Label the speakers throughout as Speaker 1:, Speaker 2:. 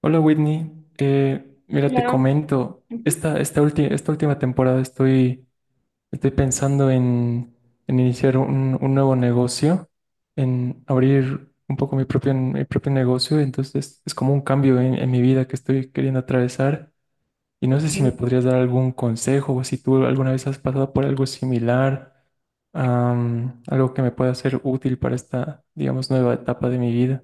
Speaker 1: Hola Whitney. Mira, te
Speaker 2: Hola.
Speaker 1: comento,
Speaker 2: Ujú.
Speaker 1: esta última temporada estoy pensando en iniciar un nuevo negocio, en abrir un poco mi propio negocio, entonces es como un cambio en mi vida que estoy queriendo atravesar, y no sé si me
Speaker 2: Ok.
Speaker 1: podrías dar algún consejo o si tú alguna vez has pasado por algo similar, algo que me pueda ser útil para esta, digamos, nueva etapa de mi vida.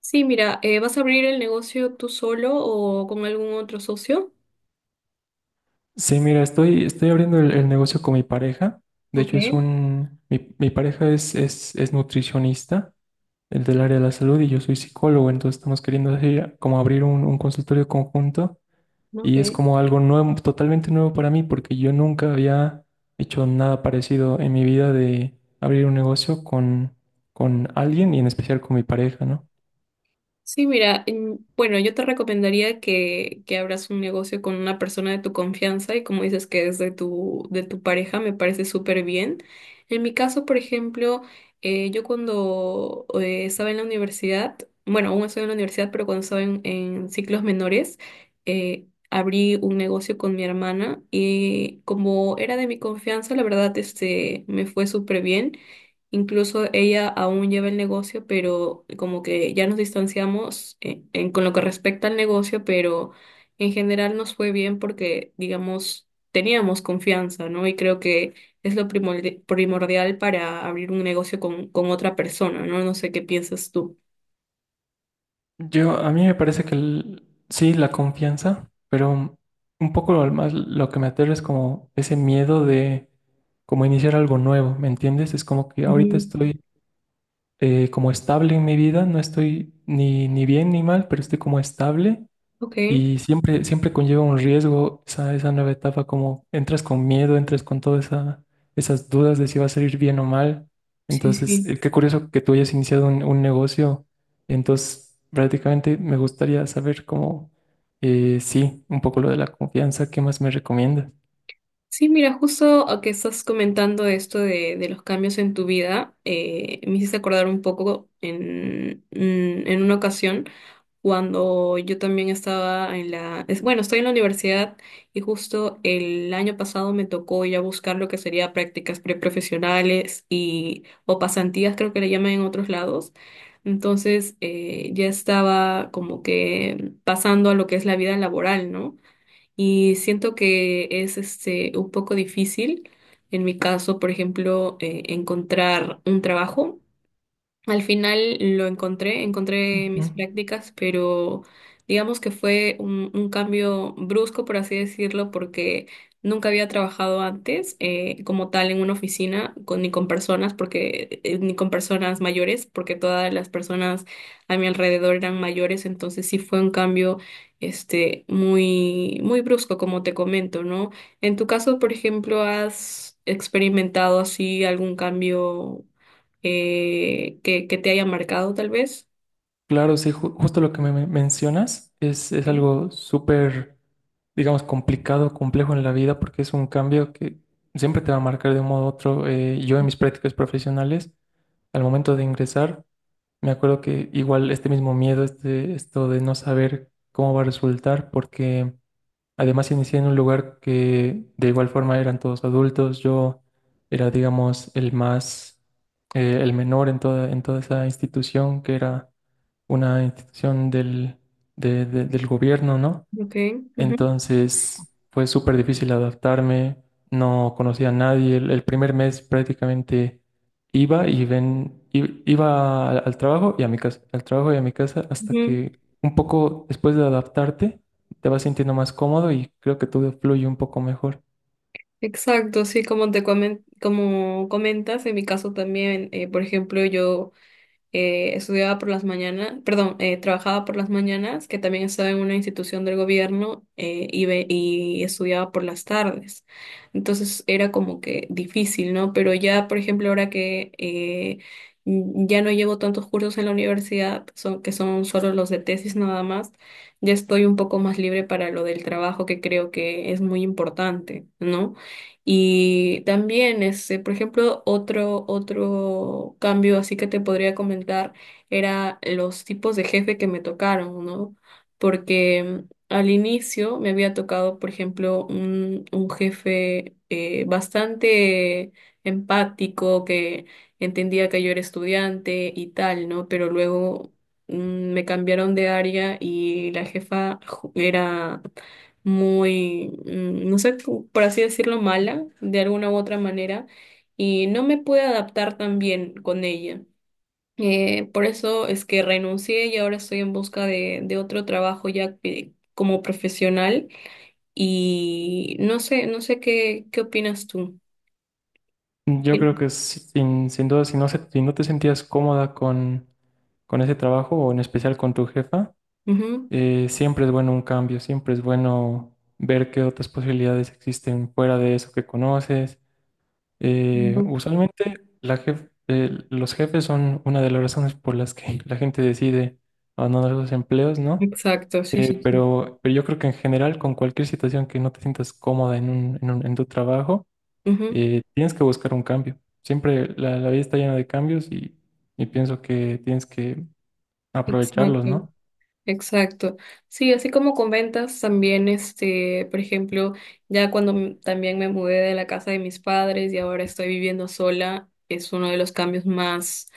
Speaker 2: Sí, mira, ¿vas a abrir el negocio tú solo o con algún otro socio?
Speaker 1: Sí, mira, estoy abriendo el negocio con mi pareja. De
Speaker 2: Ok,
Speaker 1: hecho, mi pareja es nutricionista, el del área de la salud, y yo soy psicólogo, entonces estamos queriendo hacer como abrir un consultorio conjunto, y es
Speaker 2: ok.
Speaker 1: como algo nuevo, totalmente nuevo para mí, porque yo nunca había hecho nada parecido en mi vida de abrir un negocio con alguien, y en especial con mi pareja, ¿no?
Speaker 2: Sí, mira, bueno, yo te recomendaría que abras un negocio con una persona de tu confianza y como dices que es de tu pareja, me parece súper bien. En mi caso, por ejemplo, yo cuando estaba en la universidad, bueno, aún estoy en la universidad, pero cuando estaba en ciclos menores, abrí un negocio con mi hermana y como era de mi confianza, la verdad, este, me fue súper bien. Incluso ella aún lleva el negocio, pero como que ya nos distanciamos con lo que respecta al negocio, pero en general nos fue bien porque, digamos, teníamos confianza, ¿no? Y creo que es lo primordial para abrir un negocio con otra persona, ¿no? No sé qué piensas tú.
Speaker 1: Yo, a mí me parece que sí, la confianza, pero un poco lo más lo que me aterra es como ese miedo de como iniciar algo nuevo, ¿me entiendes? Es como que ahorita
Speaker 2: Ujú.
Speaker 1: estoy como estable en mi vida, no estoy ni bien ni mal, pero estoy como estable,
Speaker 2: Ok,
Speaker 1: y siempre conlleva un riesgo esa nueva etapa, como entras con miedo, entras con esas dudas de si va a salir bien o mal.
Speaker 2: sí,
Speaker 1: Entonces,
Speaker 2: sí.
Speaker 1: qué curioso que tú hayas iniciado un negocio. Entonces, prácticamente me gustaría saber cómo, sí, un poco lo de la confianza, ¿qué más me recomiendas?
Speaker 2: Sí, mira, justo a que estás comentando esto de los cambios en tu vida, me hiciste acordar un poco en, en una ocasión. Cuando yo también estaba en la, bueno, estoy en la universidad y justo el año pasado me tocó ya buscar lo que sería prácticas preprofesionales y o pasantías, creo que le llaman en otros lados. Entonces, ya estaba como que pasando a lo que es la vida laboral, ¿no? Y siento que es este un poco difícil. En mi caso, por ejemplo, encontrar un trabajo al final lo encontré, encontré mis
Speaker 1: Ujú.
Speaker 2: prácticas, pero digamos que fue un cambio brusco, por así decirlo, porque nunca había trabajado antes como tal en una oficina con, ni con personas, porque ni con personas mayores, porque todas las personas a mi alrededor eran mayores, entonces sí fue un cambio este muy muy brusco, como te comento, ¿no? En tu caso, por ejemplo, ¿has experimentado así algún cambio? Que te haya marcado tal vez.
Speaker 1: Claro, sí, justo lo que mencionas es
Speaker 2: ¿Sí?
Speaker 1: algo súper, digamos, complicado, complejo en la vida, porque es un cambio que siempre te va a marcar de un modo u otro. Yo en mis prácticas profesionales, al momento de ingresar, me acuerdo que igual este mismo miedo, este, esto de no saber cómo va a resultar, porque además inicié en un lugar que de igual forma eran todos adultos, yo era, digamos, el menor en toda esa institución, que era una institución del gobierno, ¿no?
Speaker 2: Ok, ujú,
Speaker 1: Entonces fue súper difícil adaptarme, no conocía a nadie. El primer mes prácticamente iba al trabajo y a mi casa, al trabajo y a mi casa, hasta
Speaker 2: ujú.
Speaker 1: que un poco después de adaptarte te vas sintiendo más cómodo, y creo que todo fluye un poco mejor.
Speaker 2: Exacto, sí, como comentas, en mi caso también, por ejemplo, yo estudiaba por las mañanas, perdón, trabajaba por las mañanas, que también estaba en una institución del gobierno y, y estudiaba por las tardes. Entonces era como que difícil, ¿no? Pero ya, por ejemplo, ahora que ya no llevo tantos cursos en la universidad, son, que son solo los de tesis nada más, ya estoy un poco más libre para lo del trabajo, que creo que es muy importante, ¿no? Y también, este, por ejemplo, otro cambio así que te podría comentar era los tipos de jefe que me tocaron, ¿no? Porque al inicio me había tocado, por ejemplo, un jefe bastante empático que entendía que yo era estudiante y tal, ¿no? Pero luego me cambiaron de área y la jefa era muy, no sé, por así decirlo, mala, de alguna u otra manera, y no me pude adaptar tan bien con ella. Por eso es que renuncié y ahora estoy en busca de otro trabajo como profesional y no sé, no sé qué, qué opinas tú.
Speaker 1: Yo
Speaker 2: Sí.
Speaker 1: creo que sin duda, si no te sentías cómoda con ese trabajo, o en especial con tu jefa,
Speaker 2: Ujú.
Speaker 1: Siempre es bueno un cambio, siempre es bueno ver qué otras posibilidades existen fuera de eso que conoces.
Speaker 2: Ujú.
Speaker 1: Usualmente los jefes son una de las razones por las que la gente decide abandonar los empleos, ¿no?
Speaker 2: Exacto, sí, sí, sí.
Speaker 1: Pero yo creo que en general, con cualquier situación que no te sientas cómoda en tu trabajo,
Speaker 2: Ujú.
Speaker 1: tienes que buscar un cambio. Siempre la vida está llena de cambios, y pienso que tienes que aprovecharlos,
Speaker 2: Exacto.
Speaker 1: ¿no?
Speaker 2: Exacto. Sí, así como con ventas también, este, por ejemplo, ya cuando también me mudé de la casa de mis padres y ahora estoy viviendo sola, es uno de los cambios más,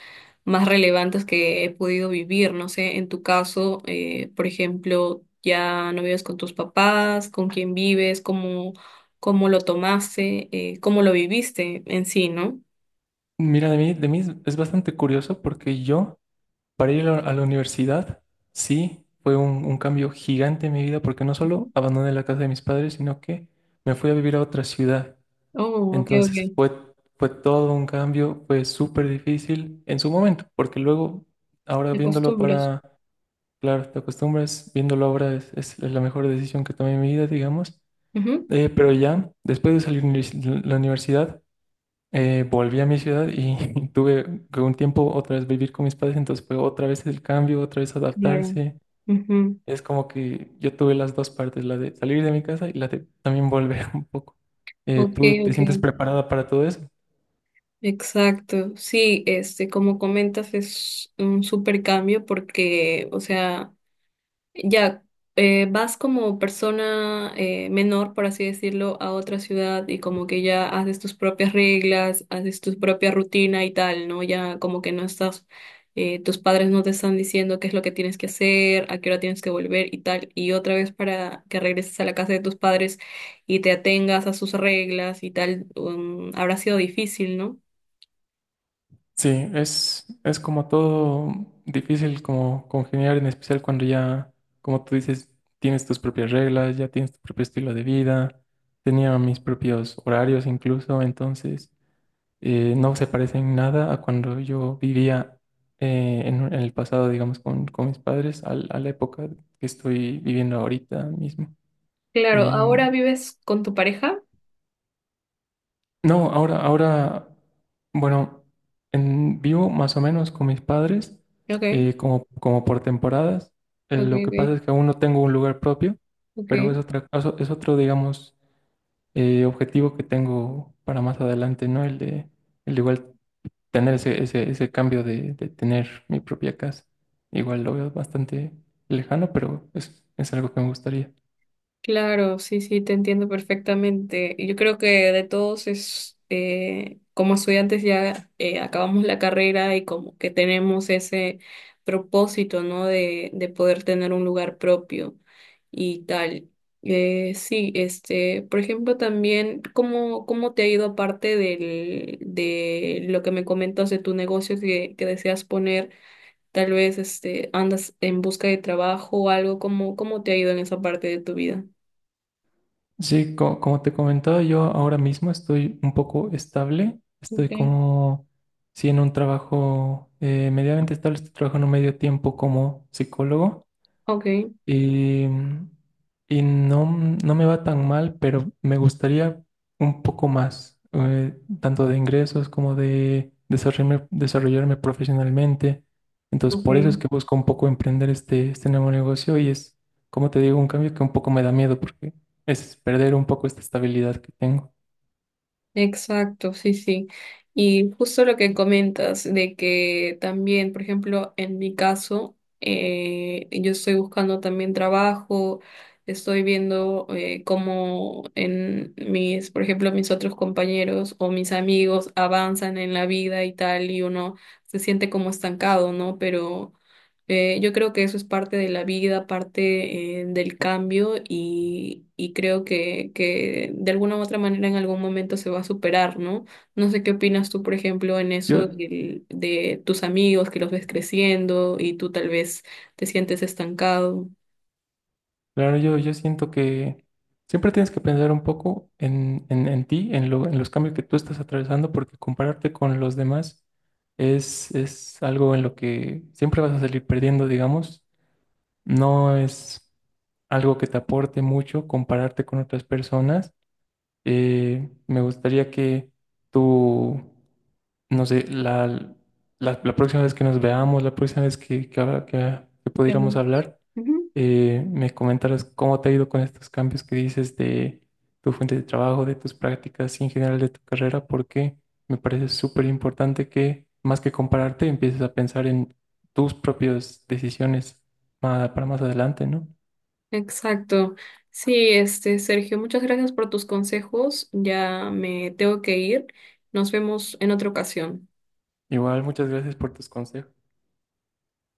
Speaker 2: más relevantes que he podido vivir. No sé, en tu caso, por ejemplo, ya no vives con tus papás, con quién vives, cómo, cómo lo tomaste, cómo lo viviste en sí, ¿no?
Speaker 1: Mira, de mí es bastante curioso porque yo, para ir a la universidad, sí, fue un cambio gigante en mi vida porque no
Speaker 2: Ujú.
Speaker 1: solo abandoné la casa de mis padres, sino que me fui a vivir a otra ciudad.
Speaker 2: Oh, ok, ok.
Speaker 1: Entonces fue, fue todo un cambio, fue súper difícil en su momento, porque luego, ahora
Speaker 2: De
Speaker 1: viéndolo
Speaker 2: costumbres.
Speaker 1: para, claro, te acostumbras, viéndolo ahora es la mejor decisión que tomé en mi vida, digamos.
Speaker 2: Ujú.
Speaker 1: Pero ya, después de salir de la universidad, volví a mi ciudad y tuve que un tiempo otra vez vivir con mis padres, entonces fue otra vez el cambio, otra vez
Speaker 2: Claro.
Speaker 1: adaptarse.
Speaker 2: Ujú.
Speaker 1: Es como que yo tuve las dos partes, la de salir de mi casa y la de también volver un poco.
Speaker 2: Ok,
Speaker 1: ¿Tú te
Speaker 2: ok.
Speaker 1: sientes preparada para todo eso?
Speaker 2: Exacto, sí, este, como comentas, es un súper cambio porque, o sea, ya vas como persona menor, por así decirlo, a otra ciudad y como que ya haces tus propias reglas, haces tu propia rutina y tal, ¿no? Ya como que no estás, tus padres no te están diciendo qué es lo que tienes que hacer, a qué hora tienes que volver y tal, y otra vez para que regreses a la casa de tus padres y te atengas a sus reglas y tal, habrá sido difícil, ¿no?
Speaker 1: Sí, es como todo difícil, como congeniar, en especial cuando ya, como tú dices, tienes tus propias reglas, ya tienes tu propio estilo de vida, tenía mis propios horarios incluso, entonces... no se parecen nada a cuando yo vivía en el pasado, digamos, con mis padres, a la época que estoy viviendo ahorita mismo.
Speaker 2: Claro,
Speaker 1: Em,
Speaker 2: ahora vives con tu pareja.
Speaker 1: no, ahora, bueno, vivo más o menos con mis padres,
Speaker 2: Ok,
Speaker 1: como por temporadas.
Speaker 2: ok,
Speaker 1: Lo que
Speaker 2: ok,
Speaker 1: pasa es que aún no tengo un lugar propio, pero es
Speaker 2: ok.
Speaker 1: es otro, digamos, objetivo que tengo para más adelante, ¿no? El de igual tener ese cambio de tener mi propia casa. Igual lo veo bastante lejano, pero es algo que me gustaría.
Speaker 2: Claro, sí, sí, te entiendo perfectamente. Y yo creo que de todos es, como estudiantes ya acabamos la carrera y como que tenemos ese propósito, ¿no? De poder tener un lugar propio y tal. Sí, este, por ejemplo, también, ¿cómo, cómo te ha ido aparte del, de lo que me comentas de tu negocio que deseas poner? Tal vez este, andas en busca de trabajo o algo, ¿cómo, cómo te ha ido en esa parte de tu vida?
Speaker 1: Sí, como te comentaba, yo ahora mismo estoy un poco estable. Estoy
Speaker 2: Okay,
Speaker 1: como, sí, en un trabajo medianamente estable. Estoy trabajando medio tiempo como psicólogo.
Speaker 2: ok,
Speaker 1: Y, y no, no me va tan mal, pero me gustaría un poco más, tanto de ingresos como de desarrollarme profesionalmente. Entonces, por eso
Speaker 2: okay.
Speaker 1: es que busco un poco emprender este nuevo negocio, y es, como te digo, un cambio que un poco me da miedo porque es perder un poco esta estabilidad que tengo.
Speaker 2: Exacto, sí, sí. Y justo lo que comentas de que también, por ejemplo, en mi caso, yo estoy buscando también trabajo, estoy viendo cómo en mis, por ejemplo, mis otros compañeros o mis amigos avanzan en la vida y tal, y uno se siente como estancado, ¿no? Pero yo creo que eso es parte de la vida, parte del cambio y creo que de alguna u otra manera en algún momento se va a superar, ¿no? No sé qué opinas tú, por ejemplo, en
Speaker 1: Yo
Speaker 2: eso de tus amigos que los ves creciendo y tú tal vez te sientes estancado.
Speaker 1: Claro, yo siento que siempre tienes que pensar un poco en ti, en en los cambios que tú estás atravesando, porque compararte con los demás es algo en lo que siempre vas a salir perdiendo, digamos. No es algo que te aporte mucho compararte con otras personas. Me gustaría que tú, no sé, la próxima vez que nos veamos, la próxima vez que
Speaker 2: Ya
Speaker 1: pudiéramos
Speaker 2: veo.
Speaker 1: hablar,
Speaker 2: Ujú,
Speaker 1: me comentaras cómo te ha ido con estos cambios que dices de tu fuente de trabajo, de tus prácticas y en general de tu carrera, porque me parece súper importante que, más que compararte, empieces a pensar en tus propias decisiones para más adelante, ¿no?
Speaker 2: exacto. Sí, este, Sergio, muchas gracias por tus consejos. Ya me tengo que ir. Nos vemos en otra ocasión.
Speaker 1: Igual, muchas gracias por tus consejos.